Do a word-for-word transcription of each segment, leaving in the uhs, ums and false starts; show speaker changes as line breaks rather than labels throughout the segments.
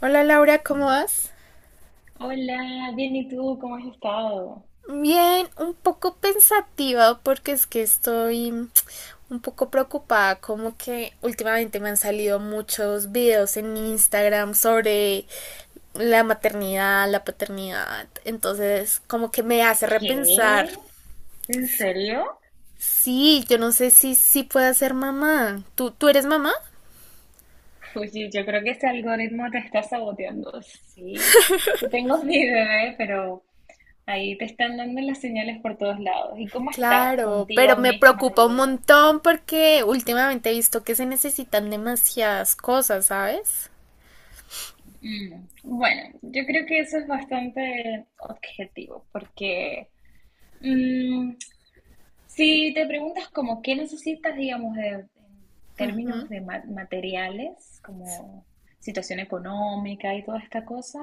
Hola Laura, ¿cómo vas?
Hola, bien, ¿y tú cómo has estado?
Bien, un poco pensativa porque es que estoy un poco preocupada, como que últimamente me han salido muchos videos en Instagram sobre la maternidad, la paternidad, entonces como que me hace repensar.
¿Qué? ¿En serio?
Sí, yo no sé si si pueda ser mamá. ¿Tú tú eres mamá?
Oye, yo creo que este algoritmo te está saboteando. Sí, yo tengo mi bebé, pero ahí te están dando las señales por todos lados. ¿Y cómo estás
Claro, pero
contigo
me
misma,
preocupa un
digo?
montón porque últimamente he visto que se necesitan demasiadas cosas, ¿sabes?
Mm, Bueno, yo creo que eso es bastante objetivo, porque mm, si te preguntas como qué necesitas, digamos, de- en términos
Ujú.
de ma- materiales, como situación económica y toda esta cosa,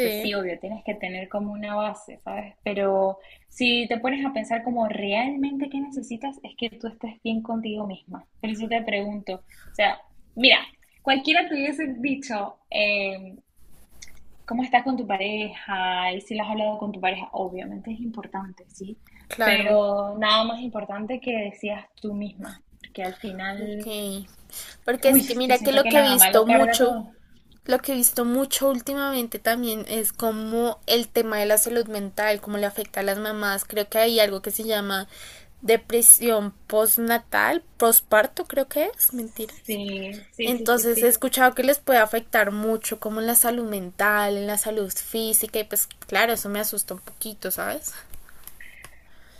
pues sí, obvio, tienes que tener como una base, ¿sabes? Pero si te pones a pensar como realmente qué necesitas, es que tú estés bien contigo misma. Por eso te pregunto, o sea, mira, cualquiera te hubiese dicho, eh, cómo estás con tu pareja y si lo has hablado con tu pareja, obviamente es importante, ¿sí?
Claro,
Pero nada más importante que decías tú misma, porque al final,
ok. Porque
uy,
es que
yo
mira que
siento
lo
que
que he
la mamá
visto
lo carga
mucho,
todo.
lo que he visto mucho últimamente también es como el tema de la salud mental, cómo le afecta a las mamás. Creo que hay algo que se llama depresión postnatal, posparto creo que es, mentiras.
Sí, sí, sí, sí,
Entonces he
sí.
escuchado que les puede afectar mucho como en la salud mental, en la salud física y pues claro, eso me asusta un poquito, ¿sabes?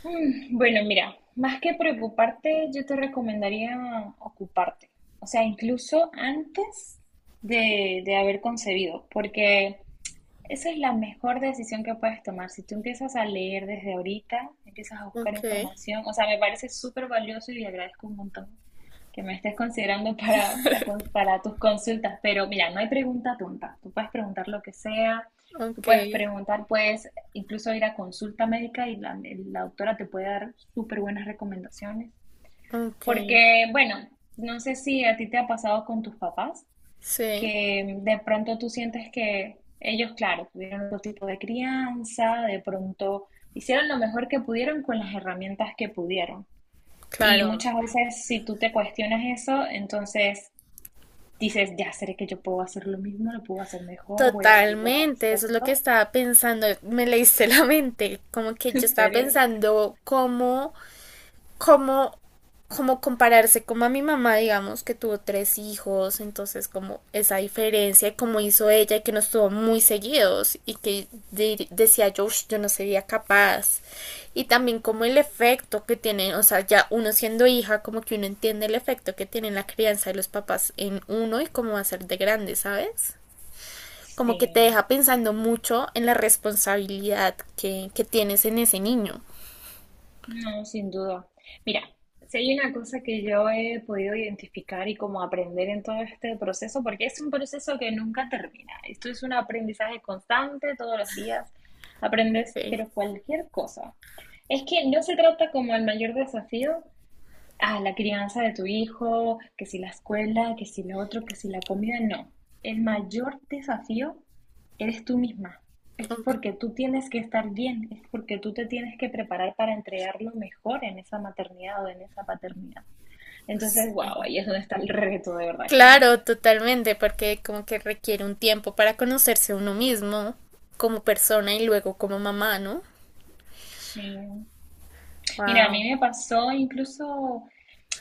Mm, Bueno, mira, más que preocuparte, yo te recomendaría ocuparte. O sea, incluso antes de, de haber concebido, porque Esa es la mejor decisión que puedes tomar. Si tú empiezas a leer desde ahorita, empiezas a buscar
Ok,
información, o sea, me parece súper valioso y agradezco un montón que me estés considerando para, para, con- para tus consultas. Pero mira, no hay pregunta tonta. Tú puedes preguntar lo que sea, tú
ok,
puedes preguntar, puedes incluso ir a consulta médica y la, la doctora te puede dar súper buenas recomendaciones.
ok,
Porque, bueno, no sé si a ti te ha pasado con tus papás
sí,
que de pronto tú sientes que ellos, claro, tuvieron otro tipo de crianza, de pronto hicieron lo mejor que pudieron con las herramientas que pudieron. Y
claro.
muchas veces si tú te cuestionas eso, entonces dices, ya seré que yo puedo hacer lo mismo, lo puedo hacer mejor, voy a ser igual,
Totalmente, eso es lo que
¿cierto?
estaba pensando, me leíste la mente, como que yo
¿En
estaba
serio?
pensando cómo, cómo, cómo compararse como a mi mamá, digamos, que tuvo tres hijos, entonces como esa diferencia y cómo hizo ella y que nos tuvo muy seguidos y que de- decía yo, "Ush, yo no sería capaz". Y también como el efecto que tiene, o sea, ya uno siendo hija, como que uno entiende el efecto que tiene la crianza de los papás en uno y cómo va a ser de grande, ¿sabes? Como
Sí.
que te deja pensando mucho en la responsabilidad que, que tienes en ese niño.
No, sin duda. Mira, si hay una cosa que yo he podido identificar y como aprender en todo este proceso, porque es un proceso que nunca termina. Esto es un aprendizaje constante, todos los días aprendes,
Okay.
pero cualquier cosa. Es que no se trata como el mayor desafío Ah, la crianza de tu hijo, que si la escuela, que si lo otro, que si la comida, no. El mayor desafío eres tú misma. Es
Okay.
porque tú tienes que estar bien, es porque tú te tienes que preparar para entregar lo mejor en esa maternidad o en esa paternidad. Entonces, wow, ahí es donde está el reto, de verdad, créeme.
Claro, totalmente, porque como que requiere un tiempo para conocerse uno mismo como persona y luego como mamá, ¿no?
Sí. Mira, a mí
Wow.
me pasó incluso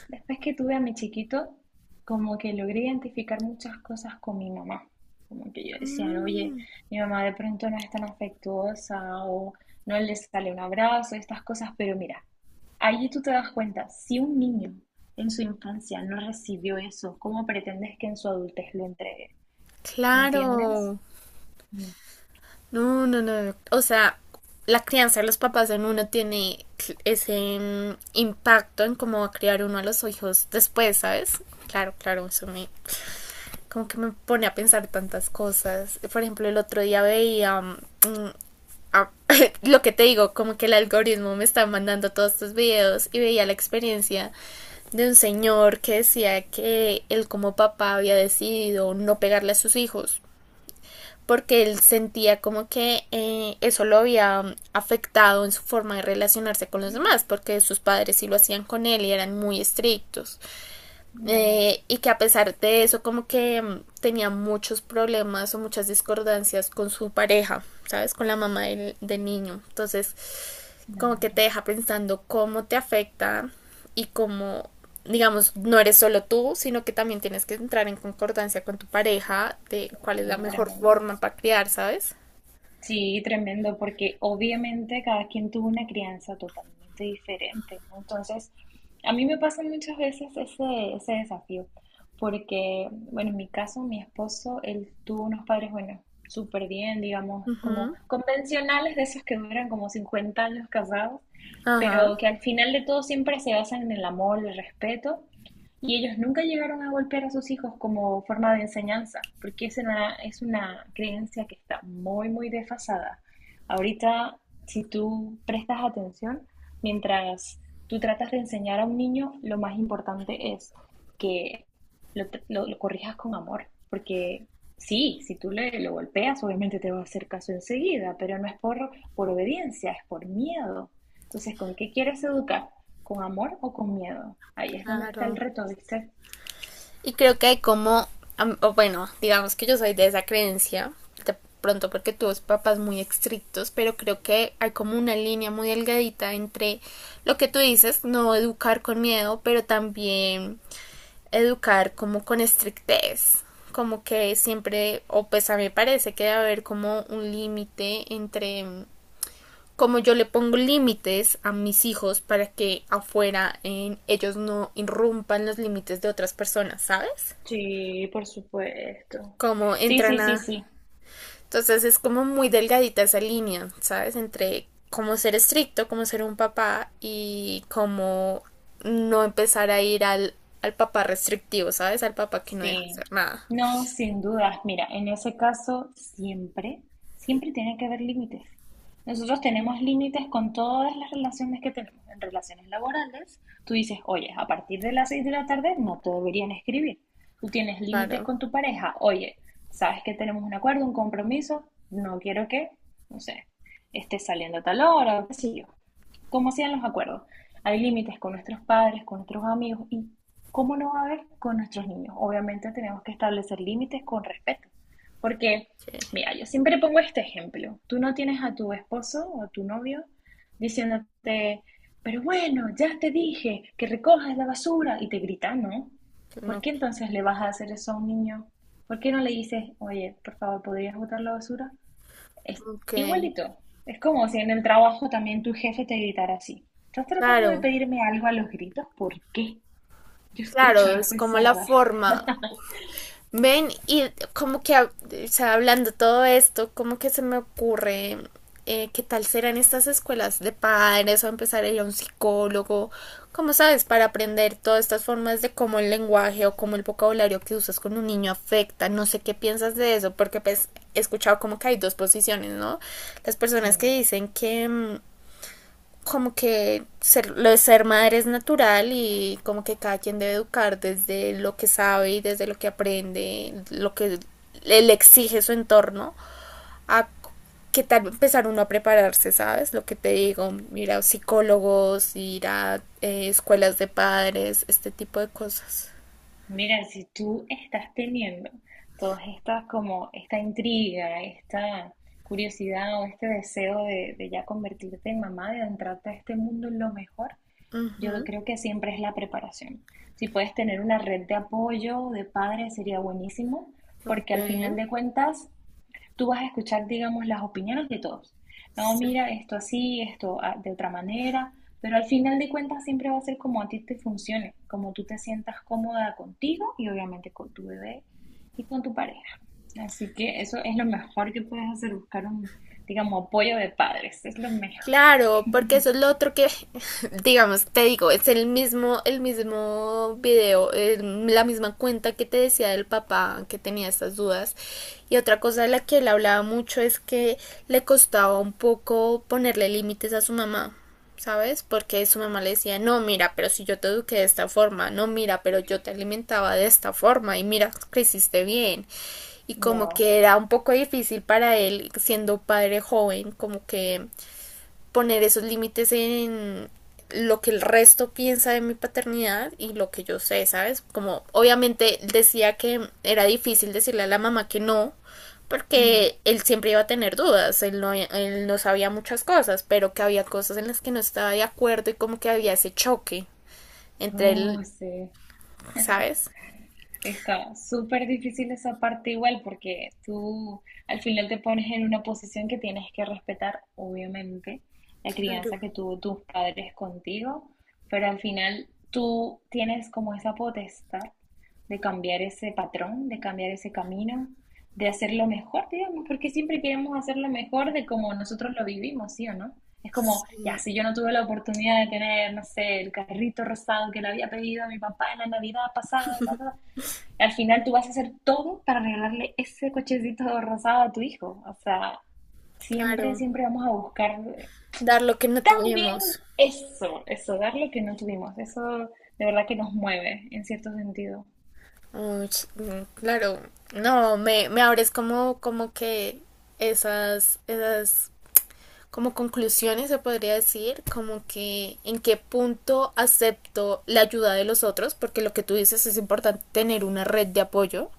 Después que tuve a mi chiquito, como que logré identificar muchas cosas con mi mamá. Como que yo decía, oye,
Mm,
mi mamá de pronto no es tan afectuosa o no le sale un abrazo, estas cosas, pero mira, allí tú te das cuenta, si un niño en su infancia no recibió eso, ¿cómo pretendes que en su adultez lo entregue? ¿Entiendes?
claro. No, no, no. O sea, la crianza de los papás en uno tiene cl- ese mm, impacto en cómo va a criar uno a los hijos después, ¿sabes? Claro, claro, eso me, como que me pone a pensar tantas cosas. Por ejemplo, el otro día veía um, a, lo que te digo, como que el algoritmo me está mandando todos estos videos y veía la experiencia de un señor que decía que él como papá había decidido no pegarle a sus hijos porque él sentía como que eh, eso lo había afectado en su forma de relacionarse con los demás, porque sus padres sí lo hacían con él y eran muy estrictos.
Wow,
Eh, y que a pesar de eso como que mm, tenía muchos problemas o muchas discordancias con su pareja, ¿sabes? Con la mamá del, del niño. Entonces como que te
claro,
deja pensando cómo te afecta y cómo, digamos, no eres solo tú, sino que también tienes que entrar en concordancia con tu pareja de cuál es la
no,
mejor
tremendo.
forma para criar, ¿sabes?
Sí, tremendo, porque obviamente cada quien tuvo una crianza totalmente diferente. Entonces, a mí me pasa muchas veces ese, ese desafío, porque, bueno, en mi caso, mi esposo, él tuvo unos padres, bueno, súper bien, digamos, como
Ujú.
convencionales de esos que duran como cincuenta años casados,
Ajá,
pero que al final de todo siempre se basan en el amor, el respeto y ellos nunca llegaron a golpear a sus hijos como forma de enseñanza, porque es una, es una creencia que está muy, muy desfasada. Ahorita, si tú prestas atención, mientras tú tratas de enseñar a un niño, lo más importante es que lo, lo- lo corrijas con amor, porque sí, si tú le, lo golpeas, obviamente te va a hacer caso enseguida, pero no es por, por obediencia, es por miedo. Entonces, ¿con qué quieres educar? ¿Con amor o con miedo? Ahí es donde está el
claro.
reto, ¿viste?
Y creo que hay como, o bueno, digamos que yo soy de esa creencia, de pronto porque tuve papás muy estrictos, pero creo que hay como una línea muy delgadita entre lo que tú dices, no educar con miedo, pero también educar como con estrictez, como que siempre, o pues a mí me parece que debe haber como un límite entre como yo le pongo límites a mis hijos para que afuera en ellos no irrumpan los límites de otras personas, ¿sabes?
Sí, por supuesto.
Como
Sí,
entran
sí, sí,
a...
sí.
Entonces es como muy delgadita esa línea, ¿sabes? Entre cómo ser estricto, cómo ser un papá y cómo no empezar a ir al, al papá restrictivo, ¿sabes? Al papá que no deja
Sí,
hacer nada.
no, sin dudas. Mira, en ese caso siempre, siempre tiene que haber límites. Nosotros tenemos límites con todas las relaciones que tenemos. En relaciones laborales, tú dices, oye, a partir de las seis de la tarde no te deberían escribir. Tú tienes límites
Claro,
con tu pareja. Oye, sabes que tenemos un acuerdo, un compromiso, no quiero que, no sé, estés saliendo a tal hora, o qué sé yo como sean los acuerdos. Hay límites con nuestros padres, con nuestros amigos y cómo no va a haber con nuestros niños. Obviamente tenemos que establecer límites con respeto, porque,
que,
mira, yo siempre pongo este ejemplo. Tú no tienes a tu esposo o a tu novio diciéndote, pero bueno, ya te dije que recojas la basura y te grita, ¿no?
que
¿Por
no.
qué entonces le vas a hacer eso a un niño? ¿Por qué no le dices, oye, por favor, ¿podrías botar la basura? Es
Ok.
igualito. Es como si en el trabajo también tu jefe te gritara así. ¿Estás tratando de
Claro,
pedirme algo a los gritos? ¿Por qué? Yo escucho,
claro,
no
es
estoy
como la
sorda.
forma. Ven, y como que, o sea, hablando todo esto, como que se me ocurre eh, qué tal serán estas escuelas de padres o empezar a ir a un psicólogo, como sabes, para aprender todas estas formas de cómo el lenguaje o cómo el vocabulario que usas con un niño afecta. No sé qué piensas de eso, porque pues, he escuchado como que hay dos posiciones, ¿no? Las
Sí.
personas que dicen que, mm, como que ser, lo de ser madre es natural y como que cada quien debe educar desde lo que sabe y desde lo que aprende, lo que le exige su entorno, a que tal empezar uno a prepararse, ¿sabes? Lo que te digo, ir a psicólogos, ir a eh, escuelas de padres, este tipo de cosas.
Mira, si tú estás teniendo todas estas como esta intriga, esta curiosidad o este deseo de, de ya convertirte en mamá, de adentrarte a este mundo en lo mejor,
Uh
yo
-huh.
creo que siempre es la preparación. Si puedes tener una red de apoyo de padres sería buenísimo, porque
Ok,
al final de cuentas tú vas a escuchar, digamos, las opiniones de todos. No,
sí.
mira, esto así, esto ah, de otra manera, pero al final de cuentas siempre va a ser como a ti te funcione, como tú te sientas cómoda contigo y obviamente con tu bebé y con tu pareja. Así que eso es lo mejor que puedes hacer, buscar un, digamos, apoyo de padres, es lo mejor.
Claro, porque eso es lo otro que, digamos, te digo, es el mismo, el mismo video, eh, la misma cuenta que te decía del papá que tenía estas dudas. Y otra cosa de la que él hablaba mucho es que le costaba un poco ponerle límites a su mamá, ¿sabes? Porque su mamá le decía, no, mira, pero si yo te eduqué de esta forma, no, mira, pero yo te alimentaba de esta forma y mira, creciste bien. Y como
Wow.
que era un poco difícil para él, siendo padre joven, como que poner esos límites en lo que el resto piensa de mi paternidad y lo que yo sé, ¿sabes? Como obviamente decía que era difícil decirle a la mamá que no,
Mm.
porque él siempre iba a tener dudas, él no, él no sabía muchas cosas, pero que había cosas en las que no estaba de acuerdo y como que había ese choque entre él,
Uh, sí.
¿sabes?
Está súper difícil esa parte igual porque tú al final te pones en una posición que tienes que respetar, obviamente, la crianza que tuvo tus padres contigo, pero al final tú tienes como esa potestad de cambiar ese patrón, de cambiar ese camino, de hacerlo mejor, digamos, porque siempre queremos hacerlo mejor de como nosotros lo vivimos, ¿sí o no? Es como, ya,
Sí,
si yo no tuve la oportunidad de tener, no sé, el carrito rosado que le había pedido a mi papá en la Navidad pasada, ta, ta, ta, al final tú vas a hacer todo para regalarle ese cochecito rosado a tu hijo. O sea, siempre,
claro,
siempre vamos a buscar
dar lo que no
también
tuvimos.
eso, eso, dar lo que no tuvimos. Eso de verdad que nos mueve en cierto sentido.
Uy, mm, claro, no, me, me abres como, como que esas, esas como conclusiones se podría decir, como que en qué punto acepto la ayuda de los otros, porque lo que tú dices es importante tener una red de apoyo,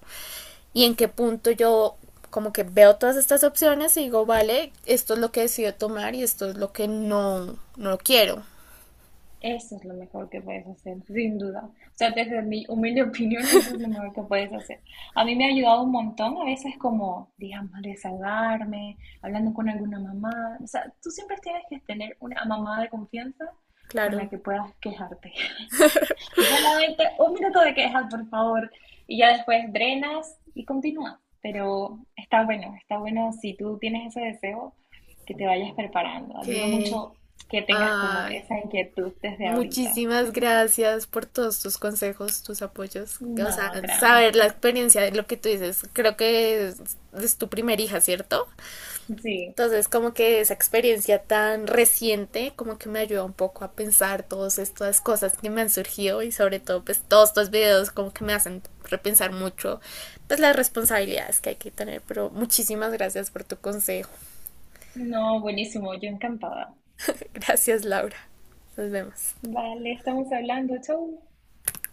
y en qué punto yo como que veo todas estas opciones y digo, vale, esto es lo que decido tomar y esto es lo que no, no quiero.
Eso es lo mejor que puedes hacer, sin duda. O sea, desde mi humilde opinión, eso es lo mejor que puedes hacer. A mí me ha ayudado un montón, a veces como, digamos, desahogarme, hablando con alguna mamá. O sea, tú siempre tienes que tener una mamá de confianza con la
Claro.
que puedas quejarte. Solamente un minuto de quejas, por favor, y ya después drenas y continúas. Pero está bueno, está bueno si tú tienes ese deseo, que te vayas preparando. Admiro
Que
mucho que tengas como esa inquietud desde ahorita.
muchísimas gracias por todos tus consejos, tus apoyos. O
No,
sea, saber
tranqui.
la experiencia de lo que tú dices. Creo que es, es tu primer hija, ¿cierto?
Sí.
Entonces, como que esa experiencia tan reciente, como que me ayuda un poco a pensar todas estas cosas que me han surgido y sobre todo, pues todos estos videos como que me hacen repensar mucho, pues las responsabilidades que hay que tener. Pero muchísimas gracias por tu consejo.
No, buenísimo, yo encantada.
Gracias, Laura. Nos vemos.
Vale, estamos hablando, chau.